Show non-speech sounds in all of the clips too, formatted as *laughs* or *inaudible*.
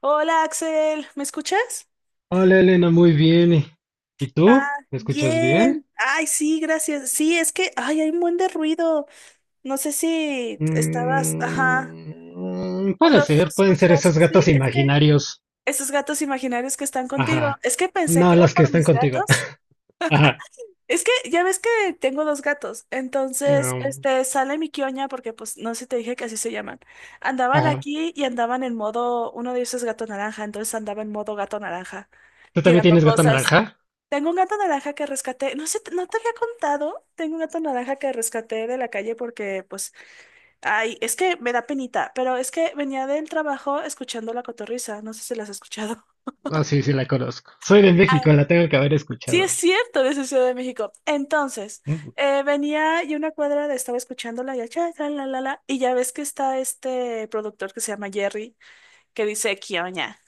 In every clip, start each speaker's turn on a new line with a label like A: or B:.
A: Hola Axel, ¿me escuchas?
B: Hola Elena, muy bien. ¿Y
A: Ah,
B: tú? ¿Me escuchas bien?
A: bien. Ay, sí, gracias. Sí, es que, ay, hay un buen de ruido. No sé si estabas, ajá,
B: Mm,
A: o
B: puede
A: no
B: ser, pueden ser
A: escuchas.
B: esos gatos
A: Sí, es que
B: imaginarios.
A: esos gatos imaginarios que están contigo,
B: Ajá.
A: es que pensé
B: No,
A: que era
B: los que
A: por
B: están
A: mis
B: contigo.
A: gatos.
B: *laughs* Ajá.
A: Es que ya ves que tengo dos gatos, entonces,
B: Mm,
A: sale mi quioña porque, pues, no sé si te dije que así se llaman. Andaban
B: ajá.
A: aquí y andaban en modo, uno de ellos es gato naranja, entonces andaba en modo gato naranja,
B: ¿Tú también
A: tirando
B: tienes gato
A: cosas.
B: naranja?
A: Tengo un gato naranja que rescaté, no sé, no te había contado, tengo un gato naranja que rescaté de la calle porque, pues, ay, es que me da penita, pero es que venía del trabajo escuchando La Cotorrisa, no sé si las has escuchado. *laughs*
B: Ah, sí, sí, la conozco. Soy de
A: Ah,
B: México, la tengo que haber
A: sí, es
B: escuchado.
A: cierto, de su Ciudad de México. Entonces,
B: Mm,
A: venía y estaba escuchándola y, ya, cha, tra, la, y ya ves que está este productor que se llama Jerry, que dice, Kioña.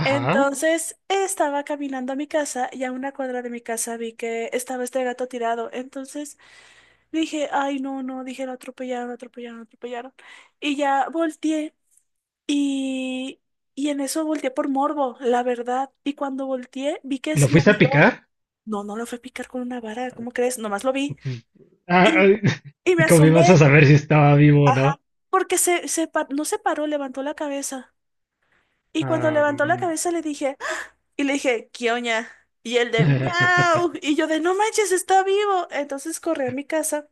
B: ajá.
A: Entonces estaba caminando a mi casa y a una cuadra de mi casa vi que estaba este gato tirado. Entonces dije, ay, no, no, dije, lo atropellaron, lo atropellaron, lo atropellaron. Y ya volteé y, y en eso volteé por morbo, la verdad. Y cuando volteé, vi que
B: ¿Lo
A: se me
B: fuiste a
A: miró.
B: picar?
A: No, no lo fue a picar con una vara, ¿cómo crees? Nomás lo vi.
B: Ah, *laughs*
A: Y,
B: ah,
A: y me
B: con a
A: asomé.
B: saber si estaba vivo o
A: Ajá.
B: no.
A: Porque no se paró, levantó la cabeza. Y cuando
B: Ah,
A: levantó la
B: mm.
A: cabeza le dije, ¡ah! Y le dije, ¿qué oña? Y él de,
B: *laughs*
A: miau. Y yo de, no manches, está vivo. Entonces corrí a mi casa.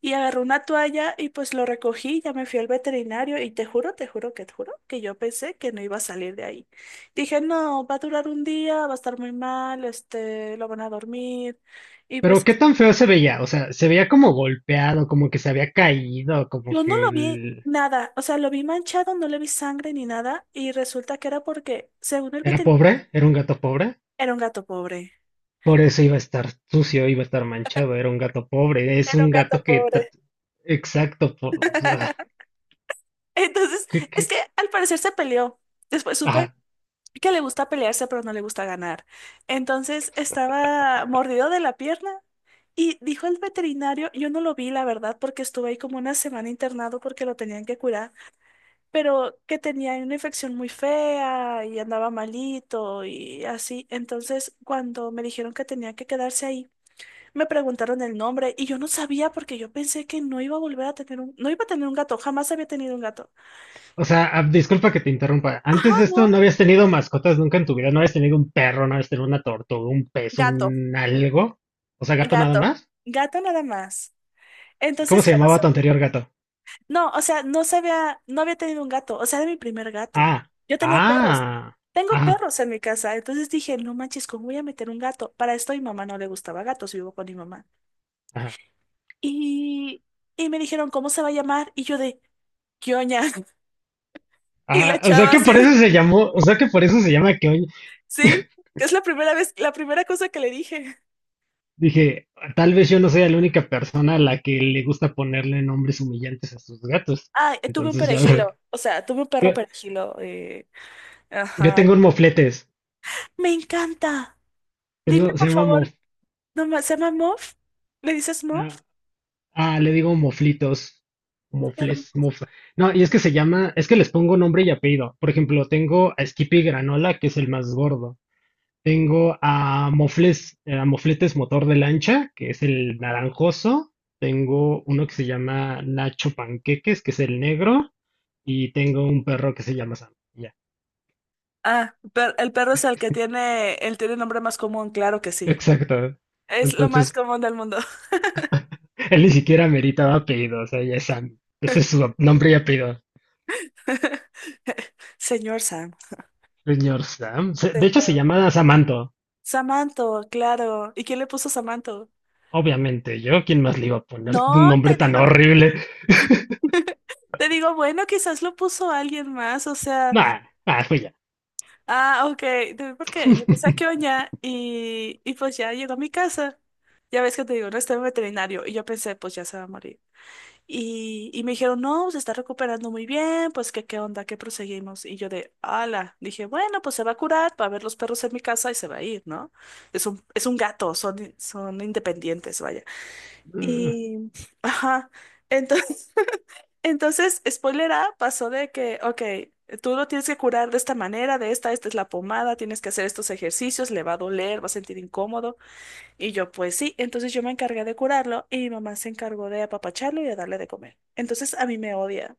A: Y agarró una toalla y pues lo recogí, ya me fui al veterinario y te juro que yo pensé que no iba a salir de ahí. Dije, no, va a durar un día, va a estar muy mal, lo van a dormir. Y
B: Pero
A: pues
B: qué tan feo se veía, se veía como golpeado, como que se había caído, como
A: yo no
B: que
A: lo vi
B: él
A: nada, o sea, lo vi manchado, no le vi sangre ni nada y resulta que era porque, según el
B: era
A: veterinario,
B: pobre, era un gato pobre,
A: era un gato pobre.
B: por eso iba a estar sucio, iba a estar manchado, era un gato pobre, es
A: Era un
B: un
A: gato
B: gato que, ta-
A: pobre.
B: exacto, por, ah,
A: *laughs* Entonces,
B: ¿qué-
A: es
B: qué?
A: que al parecer se peleó. Después supe
B: Ajá.
A: que le gusta pelearse, pero no le gusta ganar. Entonces estaba mordido de la pierna y dijo el veterinario, yo no lo vi, la verdad, porque estuve ahí como una semana internado porque lo tenían que curar, pero que tenía una infección muy fea y andaba malito y así. Entonces, cuando me dijeron que tenía que quedarse ahí, me preguntaron el nombre y yo no sabía porque yo pensé que no iba a volver a tener un, no iba a tener un gato, jamás había tenido un gato.
B: O sea, ah, disculpa que te interrumpa,
A: Ajá,
B: antes de esto no
A: no,
B: habías tenido mascotas nunca en tu vida, no habías tenido un perro, no habías tenido una tortuga, un pez,
A: gato,
B: un algo, o sea, gato nada
A: gato,
B: más.
A: gato nada más.
B: ¿Cómo
A: Entonces
B: se
A: jamás,
B: llamaba tu anterior gato?
A: no, o sea, no sabía, no había tenido un gato, o sea, era mi primer gato.
B: Ah,
A: Yo tenía perros.
B: ah,
A: Tengo
B: ajá,
A: perros en mi casa, entonces dije, no manches, ¿cómo voy a meter un gato? Para esto a mi mamá no le gustaba gatos, vivo con mi mamá.
B: ajá.
A: Y, y me dijeron, ¿cómo se va a llamar? Y yo de, ¿qué oña? *laughs* Y la
B: Ah, o sea
A: chava
B: que
A: así,
B: por
A: de,
B: eso se llamó, o sea que por eso se llama que hoy
A: sí,
B: *laughs*
A: que es la primera vez, la primera cosa que le dije.
B: dije, tal vez yo no sea la única persona a la que le gusta ponerle nombres humillantes a sus gatos.
A: Ah, tuve un
B: Entonces ya veo.
A: perejilo, o sea, tuve un
B: Yo,
A: perro perejilo.
B: yo
A: Ajá.
B: tengo un mofletes.
A: Me encanta. Dime,
B: Tengo, se
A: por
B: llama
A: favor,
B: mof,
A: no, ¿se llama Muff? ¿Le dices Muff?
B: ah, ah, le digo moflitos.
A: Qué
B: Mofles,
A: hermoso.
B: mof. No, y es que se llama, es que les pongo nombre y apellido. Por ejemplo, tengo a Skippy Granola, que es el más gordo. Tengo a Mofles, a Mofletes Motor de Lancha, que es el naranjoso. Tengo uno que se llama Nacho Panqueques, que es el negro. Y tengo un perro que se llama Sam. Ya,
A: Ah, el perro es el que tiene, él tiene nombre más común, claro que sí.
B: exacto.
A: Es lo más
B: Entonces,
A: común del mundo.
B: *laughs* él ni siquiera meritaba apellido, o sea, ya es Sam. Ese es su nombre y apellido.
A: *laughs* Señor Sam.
B: Señor Sam. Se- De hecho, se
A: Señor.
B: llama Samanto.
A: Samanto, claro. ¿Y quién le puso Samanto?
B: Obviamente, yo, ¿quién más le iba a poner un
A: No,
B: nombre
A: te
B: tan
A: digo.
B: horrible?
A: *laughs* Te digo, bueno, quizás lo puso alguien más, o sea,
B: Nah, ah, fue ya.
A: ok, porque yo pasé a
B: *laughs*
A: oña y pues ya llegó a mi casa. Ya ves que te digo, no está en veterinario y yo pensé, pues ya se va a morir. Y me dijeron, no, se está recuperando muy bien, pues que qué onda, que proseguimos. Y yo de, ala, dije, bueno, pues se va a curar, va a ver los perros en mi casa y se va a ir, ¿no? Es un gato, son independientes, vaya. Y, ajá, entonces, *laughs* spoiler A, pasó de que, ok, tú lo tienes que curar de esta manera, esta es la pomada, tienes que hacer estos ejercicios, le va a doler, va a sentir incómodo. Y yo, pues sí, entonces yo me encargué de curarlo y mi mamá se encargó de apapacharlo y de darle de comer. Entonces a mí me odia.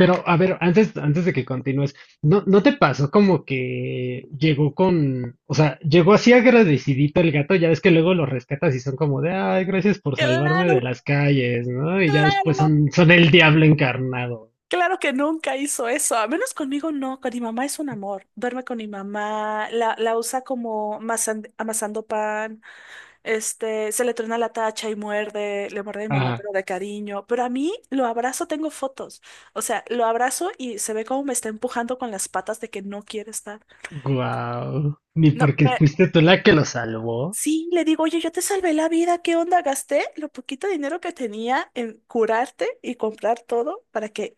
B: Pero, a ver, antes de que continúes, ¿no, no te pasó como que llegó con, o sea, llegó así agradecidito el gato, ya ves que luego lo rescatas y son como de, ay, gracias por salvarme
A: Claro,
B: de las calles, ¿no? Y ya después
A: claro,
B: son, son el diablo encarnado.
A: claro que nunca hizo eso. A menos conmigo no, con mi mamá es un amor. Duerme con mi mamá, la usa como amasando pan, se le truena la tacha y muerde, le muerde a mi mamá,
B: Ah,
A: pero de cariño. Pero a mí lo abrazo, tengo fotos. O sea, lo abrazo y se ve como me está empujando con las patas de que no quiere estar.
B: guau. Ni
A: No,
B: porque fuiste tú la que lo salvó.
A: sí, le digo, oye, yo te salvé la vida, ¿qué onda? Gasté lo poquito de dinero que tenía en curarte y comprar todo para que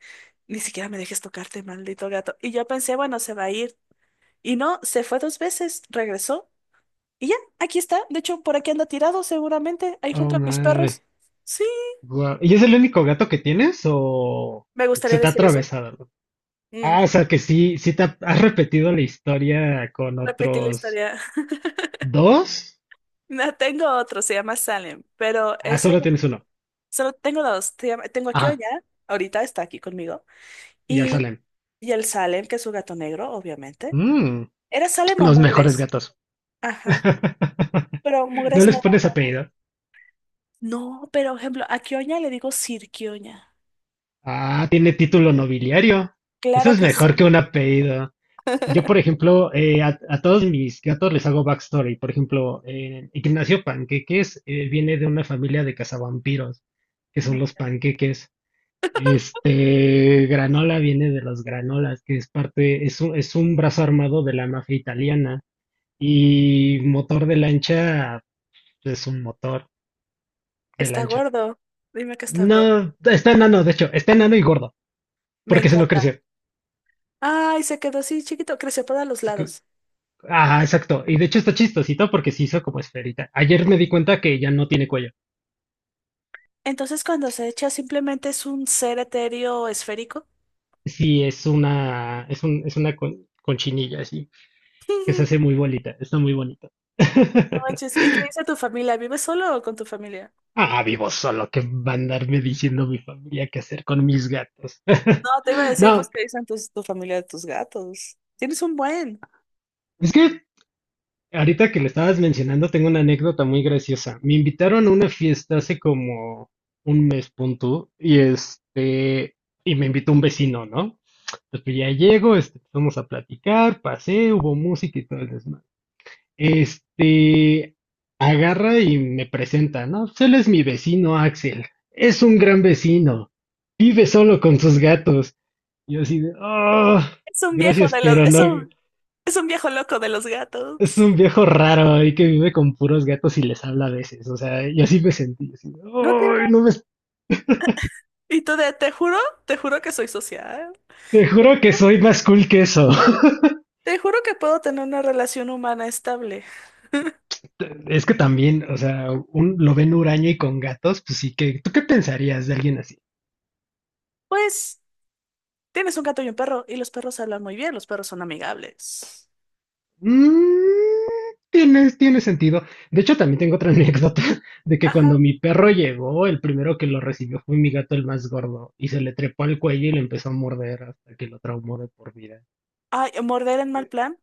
A: ni siquiera me dejes tocarte, maldito gato. Y yo pensé, bueno, se va a ir. Y no, se fue dos veces, regresó y ya, aquí está. De hecho, por aquí anda tirado seguramente, ahí
B: Oh
A: junto a mis
B: my,
A: perros. Sí,
B: guau. ¿Y es el único gato que tienes o
A: me
B: se
A: gustaría
B: te ha
A: decir eso.
B: atravesado?
A: Mm,
B: Ah, o sea que sí, sí te ha- has repetido la historia con
A: repetí la
B: otros
A: historia. *laughs*
B: dos.
A: No, tengo otro, se llama Salem,
B: Ah, solo tienes uno.
A: solo tengo dos. Tengo aquí o
B: Ajá,
A: allá, ahorita está aquí conmigo.
B: y al
A: Y,
B: Salem.
A: y el Salem, que es su gato negro, obviamente.
B: Mm,
A: ¿Era Salem o
B: los mejores
A: Mugres?
B: gatos.
A: Ajá.
B: *laughs*
A: Pero
B: No
A: Mugres no.
B: les pones apellido.
A: No, pero por ejemplo, a Kioña le digo Sir Kioña.
B: Ah, tiene título nobiliario. Eso
A: Claro
B: es
A: que
B: mejor que
A: sí.
B: un apellido. Yo, por
A: *laughs*
B: ejemplo, a todos mis gatos les hago backstory. Por ejemplo, Ignacio Panqueques viene de una familia de cazavampiros, que
A: Me
B: son los
A: encanta.
B: panqueques. Este, Granola viene de los granolas, que es parte, es un brazo armado de la mafia italiana. Y motor de lancha es un motor de
A: Está
B: lancha.
A: gordo. Dime que está gordo.
B: No, está enano, de hecho, está enano y gordo,
A: Me
B: porque se lo
A: encanta.
B: creció.
A: Ay, se quedó así chiquito. Creció para los
B: Se cre-
A: lados.
B: ajá, exacto. Y de hecho está chistosito porque se hizo como esferita. Ayer me di cuenta que ya no tiene cuello.
A: Entonces, cuando se echa, simplemente es un ser etéreo esférico.
B: Sí, es una, es un, es una con- conchinilla así, que se hace
A: *laughs*
B: muy bonita, está muy bonita.
A: No manches. ¿Y qué
B: *laughs*
A: dice tu familia? ¿Vives solo o con tu familia?
B: Ah, vivo solo, que va a andarme diciendo mi familia qué hacer con mis gatos.
A: No, te iba a
B: *laughs*
A: decir, pues,
B: No,
A: ¿qué dicen tu familia de tus gatos? Tienes un buen.
B: es que ahorita que lo estabas mencionando, tengo una anécdota muy graciosa. Me invitaron a una fiesta hace como un mes punto y este, y me invitó un vecino, ¿no? Entonces, pues ya llego, este, vamos a platicar, pasé, hubo música y todo el desmadre. Este, agarra y me presenta, ¿no? Pues él es mi vecino, Axel. Es un gran vecino. Vive solo con sus gatos. Yo así de, oh,
A: Es un viejo
B: gracias,
A: de los,
B: pero
A: es
B: no,
A: un, es un viejo loco de los
B: es
A: gatos.
B: un viejo raro ahí que vive con puros gatos y les habla a veces. O sea, yo así me sentí. Así,
A: No tiene,
B: "Ay, no me...
A: Y tú de, te juro que soy social.
B: Te juro que soy más cool que eso". *laughs*
A: Te juro que puedo tener una relación humana estable.
B: Es que también, o sea, un, lo ven huraño y con gatos, pues sí que... ¿Tú qué pensarías de alguien así?
A: Pues tienes un gato y un perro, y los perros hablan muy bien, los perros son amigables.
B: Mm, tiene, tiene sentido. De hecho, también tengo otra *laughs* anécdota de que cuando
A: Ajá.
B: mi perro llegó, el primero que lo recibió fue mi gato el más gordo y se le trepó al cuello y le empezó a morder hasta que lo traumó de por vida.
A: Ay, morder en mal plan.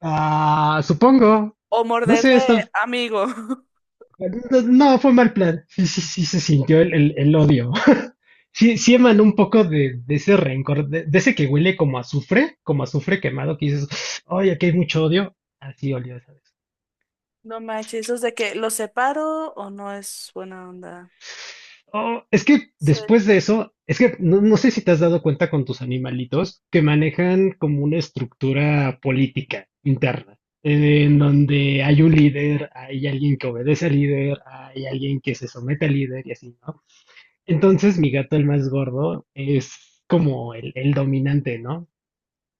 B: Ah, supongo.
A: O
B: No
A: morder
B: sé,
A: de
B: está,
A: amigo. *laughs*
B: no, no, fue mal plan. Sí, sí, sí, se sintió el, el odio. *laughs* Sí, sí emanó un poco de ese rencor, de ese que huele como a azufre quemado, que dices, ay, aquí hay mucho odio. Así olió esa vez.
A: No manches, eso es de que los separo o no es buena onda.
B: Oh, es que
A: Sí.
B: después de eso, es que no, no sé si te has dado cuenta con tus animalitos que manejan como una estructura política interna, en donde hay un líder, hay alguien que obedece al líder, hay alguien que se somete al líder y así, ¿no? Entonces mi gato, el más gordo, es como el dominante, ¿no?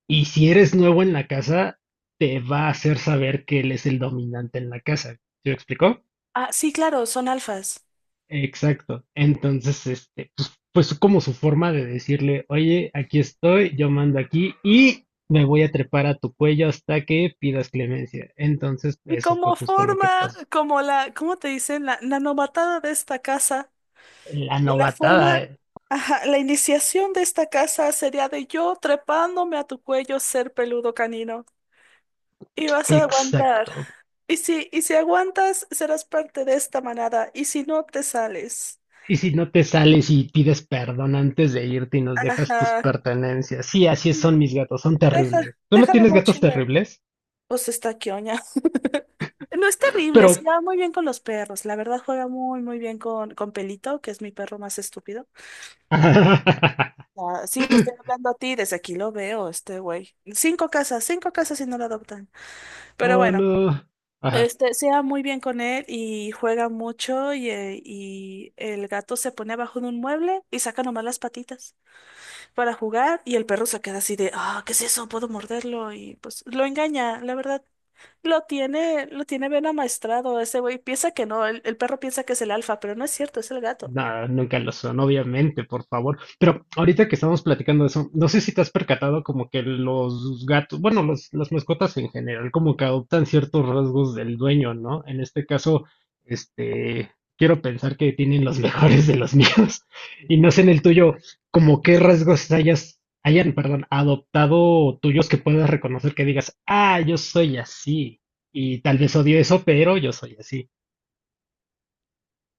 B: Y si eres nuevo en la casa, te va a hacer saber que él es el dominante en la casa. ¿Se me explicó?
A: Ah, sí, claro, son alfas.
B: Exacto. Entonces, este, pues, pues como su forma de decirle, oye, aquí estoy, yo mando aquí y me voy a trepar a tu cuello hasta que pidas clemencia. Entonces,
A: Y
B: eso fue
A: como
B: justo lo que
A: forma,
B: pasó.
A: ¿cómo te dicen? La novatada de esta casa.
B: La
A: Y la
B: novatada.
A: forma, ajá, la iniciación de esta casa sería de yo trepándome a tu cuello, ser peludo canino. Y vas a aguantar.
B: Exacto.
A: Y si aguantas, serás parte de esta manada. Y si no, te sales.
B: Y si no te sales y pides perdón antes de irte y nos dejas tus
A: Ajá.
B: pertenencias. Sí, así es,
A: Y
B: son mis gatos, son
A: Deja,
B: terribles. ¿Tú no
A: deja la
B: tienes gatos
A: mochila.
B: terribles?
A: Pues está quioña. *laughs* No es terrible, se
B: Pero...
A: lleva muy bien con los perros. La verdad juega muy, muy bien con Pelito, que es mi perro más estúpido.
B: *laughs*
A: Ah, sí, te estoy hablando a ti, desde aquí lo veo, este güey. Cinco casas y no lo adoptan. Pero
B: Oh,
A: bueno,
B: no. Ajá.
A: sea muy bien con él y juega mucho y el gato se pone abajo de un mueble y saca nomás las patitas para jugar y el perro se queda así de, ah, ¿qué es eso? ¿Puedo morderlo? Y pues lo engaña, la verdad. Lo tiene bien amaestrado ese güey. Piensa que no, el perro piensa que es el alfa, pero no es cierto, es el gato.
B: Nah, nunca lo son, obviamente, por favor. Pero ahorita que estamos platicando de eso, no sé si te has percatado como que los gatos, bueno, los, las mascotas en general, como que adoptan ciertos rasgos del dueño, ¿no? En este caso, este, quiero pensar que tienen los *laughs* mejores de los míos. *laughs* Y no sé en el tuyo, como qué rasgos hayas, hayan, perdón, adoptado tuyos que puedas reconocer que digas, ah, yo soy así. Y tal vez odio eso, pero yo soy así.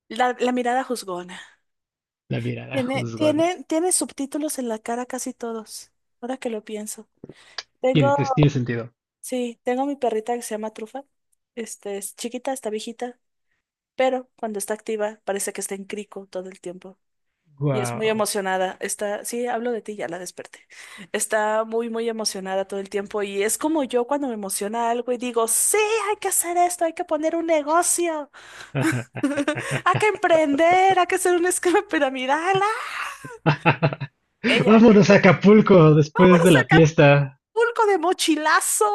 A: La mirada juzgona.
B: La mirada
A: Tiene,
B: juzgona.
A: tiene, tiene subtítulos en la cara casi todos, ahora que lo pienso.
B: Tiene,
A: Tengo,
B: tiene sentido.
A: sí, tengo mi perrita que se llama Trufa. Es chiquita, está viejita, pero cuando está activa parece que está en crico todo el tiempo. Y es muy
B: Wow.
A: emocionada. Sí, hablo de ti, ya la desperté. Está muy, muy emocionada todo el tiempo. Y es como yo cuando me emociona algo y digo, sí, hay que hacer esto, hay que poner un negocio,
B: *laughs*
A: *laughs* hay que emprender, hay que hacer un esquema piramidal. ¡Ah! Ella,
B: Vámonos a Acapulco después
A: vámonos
B: de la
A: al
B: fiesta.
A: Pulco de mochilazo.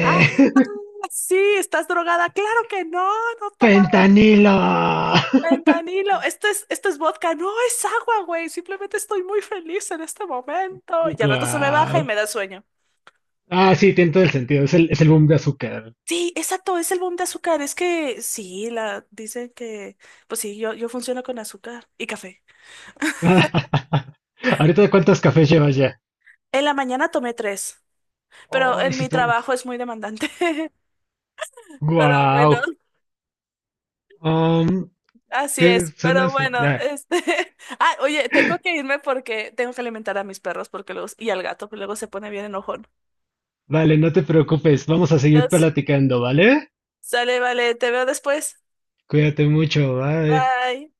A: Ah,
B: *laughs*
A: ah, sí, estás drogada. Claro que no, no he tomado
B: fentanilo. *laughs*
A: fentanilo. Esto es vodka, no es agua, güey. Simplemente estoy muy feliz en este momento. Y al rato se me baja y
B: Wow.
A: me da sueño.
B: Ah, sí, tiene todo el sentido. Es el boom de azúcar.
A: Sí, exacto, es el boom de azúcar. Es que sí, la dicen que, pues sí, yo funciono con azúcar y café.
B: *laughs* Ahorita, ¿cuántos cafés llevas ya?
A: En la mañana tomé tres, pero
B: Ay,
A: en
B: sí
A: mi
B: tomas.
A: trabajo es muy demandante. *laughs* Pero bueno.
B: Wow. Um,
A: Así
B: ¿Qué
A: es,
B: son
A: pero
B: eso?
A: bueno,
B: Ya,
A: *laughs* oye, tengo que irme porque tengo que alimentar a mis perros porque luego y al gato, que luego se pone bien enojón.
B: vale, no te preocupes. Vamos a seguir
A: Entonces,
B: platicando, ¿vale?
A: sale, vale, te veo después.
B: Cuídate mucho. Bye.
A: Bye.